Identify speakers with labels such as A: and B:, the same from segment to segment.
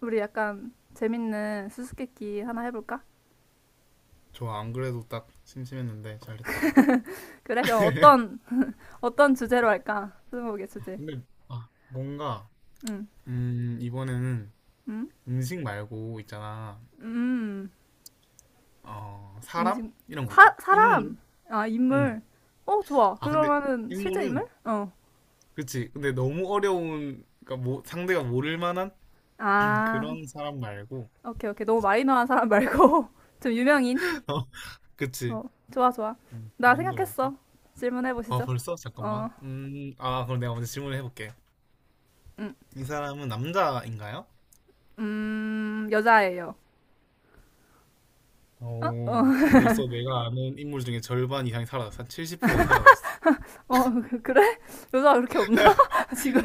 A: 우리 약간 재밌는 수수께끼 하나 해볼까?
B: 저 안 그래도 딱 심심했는데 잘했다.
A: 그래, 그럼 어떤 주제로 할까? 스무고개 주제.
B: 근데 아, 뭔가
A: 응,
B: 이번에는
A: 응,
B: 음식 말고 있잖아.
A: 음,
B: 어, 사람?
A: 음식.
B: 이런 거
A: 사,
B: 어때? 인물?
A: 사람! 아,
B: 음.
A: 인물. 어, 좋아.
B: 아, 근데
A: 그러면은 실제
B: 인물은
A: 인물? 어.
B: 그치. 근데 너무 어려운, 그러니까 뭐 상대가 모를 만한
A: 아,
B: 그런 사람 말고.
A: 오케이, 오케이. 너무 마이너한 사람 말고 좀 유명인.
B: 어, 그치.
A: 어, 좋아, 좋아.
B: 그
A: 나
B: 정도로 해볼까?
A: 생각했어. 질문해
B: 아,
A: 보시죠.
B: 벌써? 잠깐만.
A: 어,
B: 아, 그럼 내가 먼저 질문을 해볼게.
A: 음,
B: 이 사람은 남자인가요?
A: 여자예요. 어, 어,
B: 오, 벌써 내가 아는 인물 중에 절반 이상이 사라졌어. 한 70%가 사라졌어.
A: 어, 그래? 여자 가 그렇게 없나? 지금?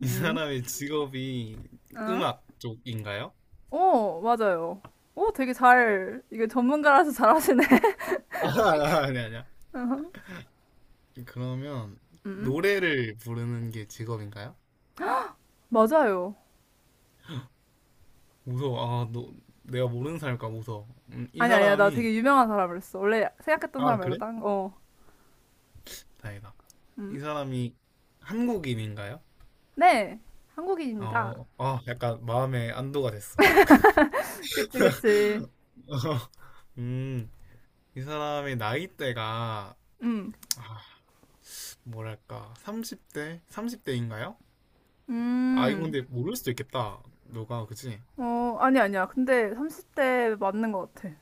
B: 이
A: 응?
B: 사람의 직업이
A: 어?
B: 음악 쪽인가요?
A: 어, 맞아요. 오, 되게 잘, 이게 전문가라서 잘하시네.
B: 아, 아, 아니, 아니야.
A: 어허.
B: 그러면
A: 음, 음.
B: 노래를 부르는 게 직업인가요?
A: 맞아요.
B: 무서워. 아, 너, 내가 모르는 사람일까 무서워. 이
A: 아니, 아니야. 나
B: 사람이,
A: 되게 유명한 사람을 했어. 원래 생각했던 사람
B: 아,
A: 말고
B: 그래?
A: 딴 거. 어.
B: 다행이다.
A: 음.
B: 이 사람이 한국인인가요?
A: 네, 한국인입니다.
B: 어, 아, 약간 마음에 안도가 됐어.
A: 그치, 그치.
B: 음, 이 사람의 나이대가,
A: 음,
B: 아, 뭐랄까, 30대? 30대인가요? 아, 이건
A: 음.
B: 근데 모를 수도 있겠다. 너가, 그치?
A: 어, 아니, 아니야. 근데 30대 맞는 것 같아.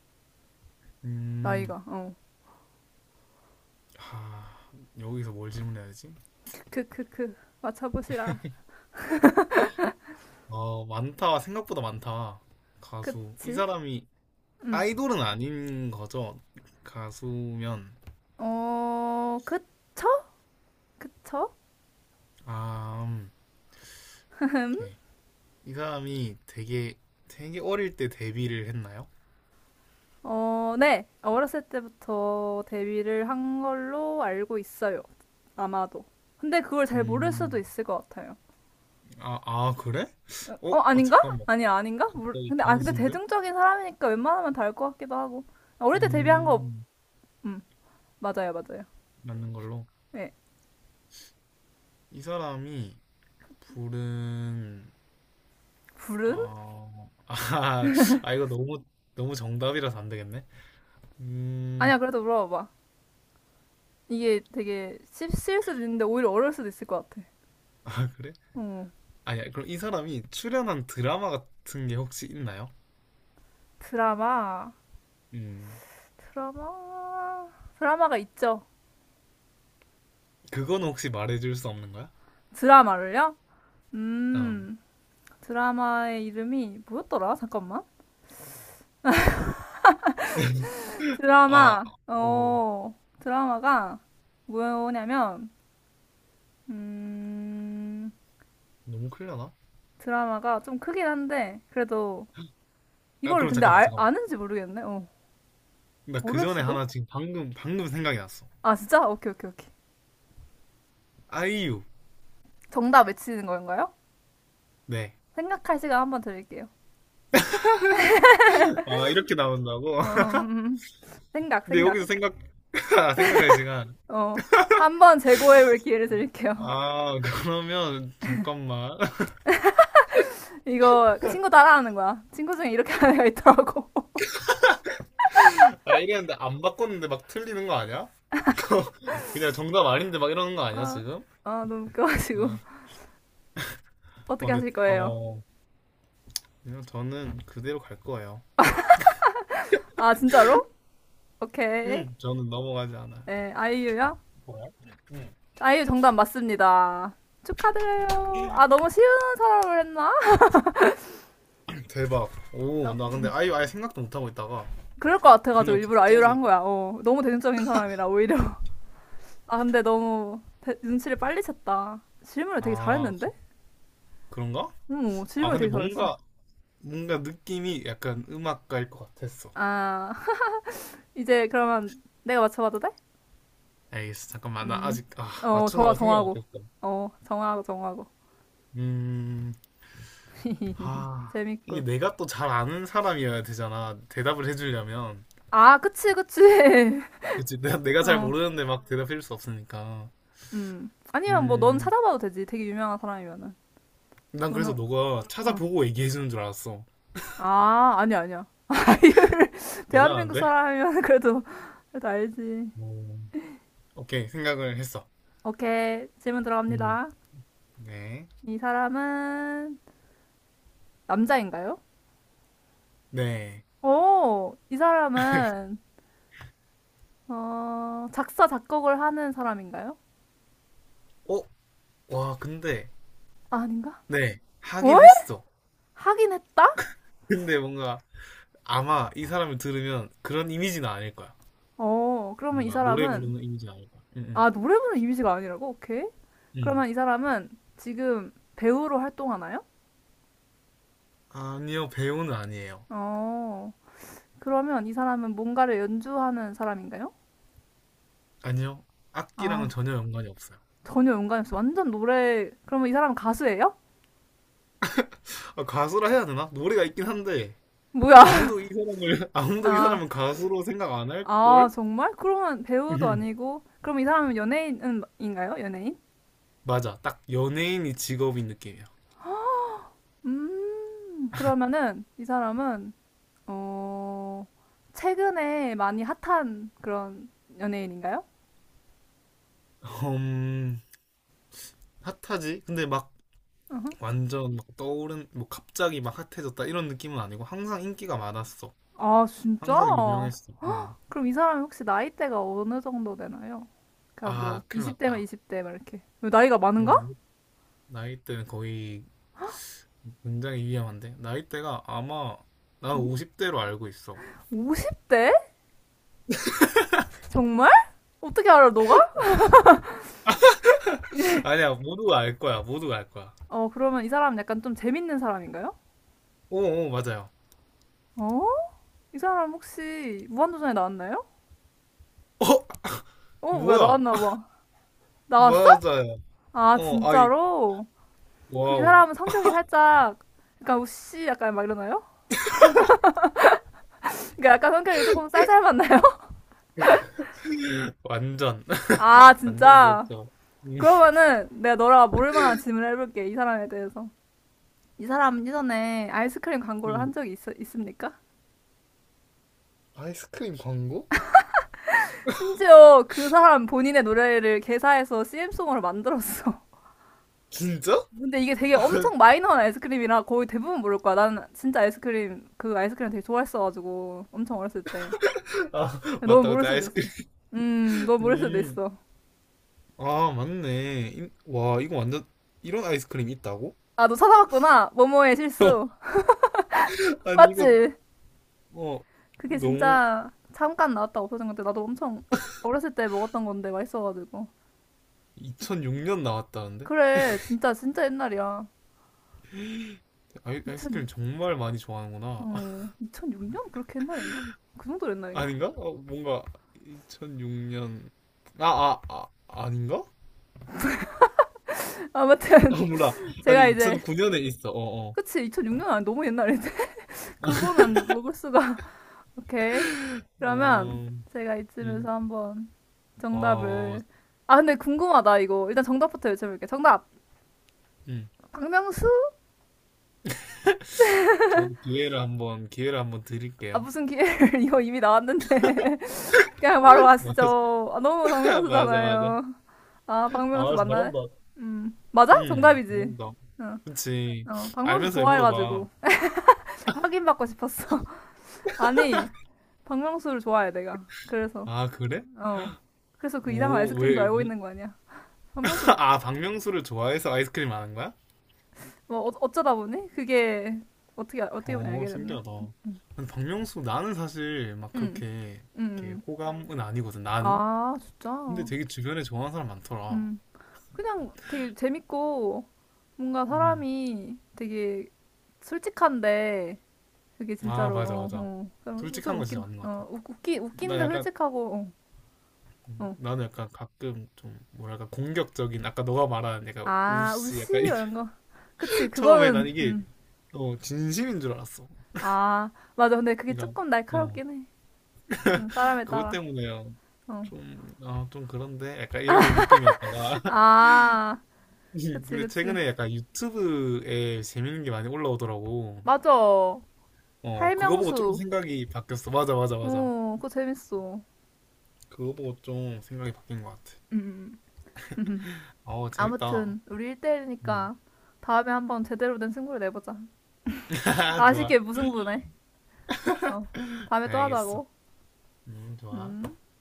B: 음,
A: 나이가. 어.
B: 하, 여기서 뭘 질문해야 되지?
A: 크크크크. 맞춰보시라.
B: 어, 많다. 생각보다 많다. 가수. 이
A: 그치?
B: 사람이
A: 음.
B: 아이돌은 아닌 거죠? 가수면.
A: 어, 그쵸? 그쵸?
B: 아, 오케이. 이 사람이 되게 어릴 때 데뷔를 했나요?
A: 어, 네. 어렸을 때부터 데뷔를 한 걸로 알고 있어요. 아마도. 근데 그걸 잘 모를 수도
B: 음,
A: 있을 것 같아요.
B: 아, 아, 그래? 어,
A: 어,
B: 아,
A: 아닌가?
B: 잠깐만.
A: 아니, 아닌가?
B: 갑자기
A: 근데
B: 변수인데?
A: 대중적인 사람이니까 웬만하면 다 알 것 같기도 하고. 아, 어릴 때 데뷔한 거,
B: 음,
A: 음, 맞아요, 맞아요.
B: 맞는 걸로.
A: 예.
B: 이 사람이 부른,
A: 불은?
B: 어, 아, 아, 이거 너무, 너무 정답이라서 안 되겠네. 음,
A: 아니야, 그래도 물어봐봐. 이게 되게 씹쓸 수도 있는데 오히려 어려울 수도 있을 것 같아.
B: 아, 그래?
A: 어,
B: 아니야, 그럼 이 사람이 출연한 드라마 같은 게 혹시 있나요?
A: 드라마,
B: 음,
A: 드라마, 드라마가 있죠.
B: 그거는 혹시 말해줄 수 없는 거야?
A: 드라마를요?
B: 응.
A: 음, 드라마의 이름이 뭐였더라? 잠깐만.
B: 아,
A: 드라마,
B: 오,
A: 어, 드라마가 뭐냐면, 음,
B: 너무 클려나?
A: 드라마가 좀 크긴 한데, 그래도
B: 아,
A: 이걸
B: 그럼
A: 근데
B: 잠깐만,
A: 알,
B: 잠깐만.
A: 아는지 모르겠네. 어,
B: 나 그
A: 모를
B: 전에
A: 수도?
B: 하나 지금 방금 생각이 났어.
A: 아, 진짜? 오케이, 오케이, 오케이.
B: 아이유.
A: 정답 외치는 건가요?
B: 네.
A: 생각할 시간 한번 드릴게요.
B: 아, 이렇게 나온다고?
A: 음, 생각,
B: 근데
A: 생각.
B: 여기서 생각할 시간.
A: 어, 한번 재고해볼 기회를 드릴게요.
B: 아, 그러면, 잠깐만.
A: 이거 친구 따라하는 거야. 친구 중에 이렇게 하는 애가 있더라고.
B: 아, 이랬는데 안 바꿨는데 막 틀리는 거 아니야? 그냥 정답 아닌데 막 이러는 거 아니야,
A: 아,
B: 지금?
A: 아, 너무 웃겨가지고.
B: 아, 어,
A: 어떻게
B: 근데,
A: 하실 거예요?
B: 그냥 저는 그대로 갈 거예요.
A: 아, 진짜로? 오케이.
B: 저는 넘어가지 않아요.
A: 네, 아이유요?
B: 뭐야? 응.
A: 아이유 정답 맞습니다. 축하드려요. 아, 너무 쉬운 사람을 했나?
B: 대박. 오,
A: 어.
B: 나 근데 아예 아예 생각도 못 하고 있다가
A: 그럴 것 같아가지고
B: 그냥
A: 일부러 아이유를 한
B: 갑자기.
A: 거야. 어, 너무 대중적인 사람이라, 오히려. 아, 근데 너무 눈치를 빨리 챘다. 질문을 되게
B: 아,
A: 잘했는데?
B: 그런가?
A: 응,
B: 아,
A: 질문을
B: 근데
A: 되게 잘했어.
B: 뭔가 느낌이 약간 음악가일 것 같았어.
A: 아, 이제 그러면 내가 맞춰봐도 돼?
B: 알겠어. 잠깐만, 나
A: 음.
B: 아직 아
A: 어, 정,
B: 맞추느라고 생각
A: 정하고.
B: 못했어.
A: 어, 정하고, 정하고.
B: 음, 아, 이게
A: 재밌군.
B: 내가 또 잘 아는 사람이어야 되잖아. 대답을 해주려면.
A: 아, 그치, 그치.
B: 그치? 내가 잘
A: 어.
B: 모르는데 막 대답해줄 수 없으니까.
A: 음. 아니야, 뭐, 넌
B: 음,
A: 찾아봐도 되지. 되게 유명한 사람이면은.
B: 난 그래서
A: 너는,
B: 너가
A: 응.
B: 찾아보고 얘기해주는 줄 알았어.
A: 아, 아니야, 아니야. 대한민국
B: 대단한데?
A: 사람이면 그래도 알지.
B: 오, 오케이, 생각을 했어.
A: 오케이. 질문
B: 음.
A: 들어갑니다.
B: 네.
A: 이 사람은 남자인가요?
B: 네.
A: 오, 이 사람은, 작사, 작곡을 하는 사람인가요?
B: 어? 와, 근데,
A: 아, 아닌가?
B: 네.
A: 어?
B: 하긴 했어.
A: 하긴 했다?
B: 근데 뭔가, 아마 이 사람을 들으면 그런 이미지는 아닐 거야.
A: 어, 그러면 이
B: 뭔가, 노래
A: 사람은,
B: 부르는 이미지는 아닐 거야. 응, 응.
A: 아, 노래 부르는 이미지가 아니라고? 오케이.
B: 응.
A: 그러면 이 사람은 지금 배우로 활동하나요?
B: 아니요, 배우는 아니에요.
A: 어, 그러면 이 사람은 뭔가를 연주하는 사람인가요?
B: 아니요, 악기랑은
A: 아,
B: 전혀 연관이 없어요.
A: 전혀 연관이 없어. 완전 노래. 그러면 이 사람은 가수예요?
B: 아, 가수라 해야 되나? 노래가 있긴 한데,
A: 뭐야?
B: 아무도 이 사람을, 아무도 이
A: 아,
B: 사람은 가수로 생각 안
A: 아,
B: 할걸?
A: 정말? 그러면 배우도
B: 음,
A: 아니고. 그럼 이 사람은 연예인인가요? 연예인?
B: 맞아. 딱 연예인이 직업인 느낌이야.
A: 그러면은 이 사람은, 어, 최근에 많이 핫한 그런 연예인인가요?
B: 음, 핫하지? 근데 막 완전 막 떠오른, 뭐 갑자기 막 핫해졌다 이런 느낌은 아니고 항상 인기가 많았어.
A: 아, 진짜?
B: 항상 유명했어. 응.
A: 그럼 이 사람이 혹시 나이대가 어느 정도 되나요? 그러니까 뭐,
B: 아, 큰일
A: 20대면
B: 났다.
A: 20대, 막 이렇게. 나이가
B: 이거
A: 많은가?
B: 너무 나이대는 거의 굉장히 위험한데. 나이대가 아마 난 50대로 알고 있어.
A: 50대? 정말? 어떻게 알아, 너가?
B: 아니야, 모두가 알 거야. 모두가 알 거야.
A: 어, 그러면 이 사람 은 약간 좀 재밌는 사람인가요?
B: 오, 오, 맞아요.
A: 어? 이 사람 혹시 무한도전에 나왔나요?
B: 어,
A: 어, 뭐야,
B: 뭐야?
A: 나왔나 봐. 나왔어?
B: 맞아요.
A: 아,
B: 어, 아이,
A: 진짜로? 그럼 이
B: 와우.
A: 사람은 성격이 살짝, 약간 우씨 약간 막 이러나요? 그러니까 약간 성격이 조금 쌀쌀 맞나요?
B: 완전,
A: 아,
B: 완전
A: 진짜?
B: 그렇죠. 음.
A: 그러면은 내가 너랑 모를 만한 질문을 해볼게, 이 사람에 대해서. 이 사람 이전에 아이스크림 광고를 한
B: 음.
A: 적이 있습니까?
B: 아이스크림 광고?
A: 심지어 그 사람 본인의 노래를 개사해서 CM송으로 만들었어.
B: 진짜?
A: 근데 이게 되게 엄청 마이너한 아이스크림이라 거의 대부분 모를 거야. 나는 진짜 아이스크림, 그 아이스크림 되게 좋아했어가지고. 엄청 어렸을 때.
B: 아,
A: 넌
B: 맞다.
A: 모를
B: 그때
A: 수도
B: 아이스크림
A: 있어. 넌 모를 수도
B: 음.
A: 있어.
B: 아, 맞네. 인- 와, 이거 완전 이런 아이스크림 있다고?
A: 아, 너 찾아봤구나. 모모의 실수.
B: 아니, 이거
A: 맞지?
B: 어
A: 그게
B: 너무,
A: 진짜 잠깐 나왔다 없어진 건데, 나도 엄청 어렸을 때 먹었던 건데, 맛있어가지고.
B: 2006년 나왔다는데?
A: 그래, 진짜, 진짜 옛날이야. 2000,
B: 아이스크림 정말 많이 좋아하는구나.
A: 2006년? 그렇게 옛날인가? 그 정도 옛날인가?
B: 아닌가? 어, 뭔가 2006년. 아, 아닌가? 아,
A: 아무튼,
B: 몰라.
A: 제가
B: 아니,
A: 이제,
B: 2009년에 있어. 어, 어.
A: 그치, 2006년 아니, 너무 옛날인데. 그거는 먹을 수가. 오케이. 그러면
B: 음.
A: 제가 이쯤에서
B: 음.
A: 한번
B: 와,
A: 정답을. 아, 근데 궁금하다, 이거. 일단 정답부터 여쭤볼게요. 정답!
B: 음.
A: 박명수?
B: 저도 기회를 한번
A: 아,
B: 드릴게요.
A: 무슨 기회를. 이거 이미 나왔는데. 그냥 바로
B: 맞아,
A: 아시죠. 아, 너무
B: 맞아, 맞아.
A: 박명수잖아요. 아, 박명수
B: 아,
A: 맞나요?
B: 잘한다.
A: 음. 맞아? 정답이지.
B: 잘한다.
A: 어,
B: 그치.
A: 어, 박명수
B: 알면서 왜 물어봐.
A: 좋아해가지고. 확인받고 싶었어. 아니, 박명수를 좋아해, 내가. 그래서.
B: 아, 그래?
A: 어. 그래서 그 이상한
B: 오,
A: 아이스크림도
B: 왜,
A: 알고
B: 뭔-
A: 있는 거 아니야. 박명수
B: 아, 박명수를 좋아해서 아이스크림 안 한 거야?
A: 뭐 어쩌다 보니 그게 어떻게 어떻게 보니
B: 어,
A: 알게 됐네.
B: 신기하다. 근데 박명수, 나는 사실 막
A: 응응
B: 그렇게, 이렇게
A: 응.
B: 호감은 아니거든, 나는.
A: 아,
B: 근데
A: 진짜.
B: 되게 주변에 좋아하는 사람 많더라.
A: 음. 그냥 되게 재밌고 뭔가
B: 음.
A: 사람이 되게 솔직한데 그게
B: 아,
A: 진짜로
B: 맞아,
A: 어,
B: 맞아.
A: 어. 그럼
B: 솔직한
A: 좀
B: 거 진짜
A: 웃긴.
B: 맞는 것 같아.
A: 어, 웃- 웃기
B: 나
A: 웃긴데
B: 약간,
A: 솔직하고 어. 어.
B: 나는 약간 가끔 좀, 뭐랄까, 공격적인, 아까 너가 말한 약간
A: 아,
B: 우씨,
A: 우씨
B: 약간.
A: 이런 거. 그치,
B: 처음에 난
A: 그거는
B: 이게, 진심인 줄 알았어.
A: 아, 맞아. 근데 그게
B: 그러니까,
A: 조금
B: 어.
A: 날카롭긴 해. 사람에
B: 그것
A: 따라.
B: 때문에요.
A: 어.
B: 좀 그런데? 약간 이런 느낌이었다가.
A: 아, 그치,
B: 근데
A: 그치.
B: 최근에 약간 유튜브에 재밌는 게 많이 올라오더라고.
A: 맞아.
B: 어, 그거 보고 조금
A: 활명수.
B: 생각이 바뀌었어. 맞아, 맞아, 맞아.
A: 어, 그거 재밌어.
B: 그거 보고 좀 생각이 바뀐 것 같아.
A: 음.
B: 어, 재밌다.
A: 아무튼 우리
B: 음.
A: 1대1이니까 다음에 한번 제대로 된 승부를 내보자.
B: 좋아.
A: 아쉽게 무승부네. 어, 다음에 또
B: 알겠어.
A: 하자고. 음.
B: 좋아.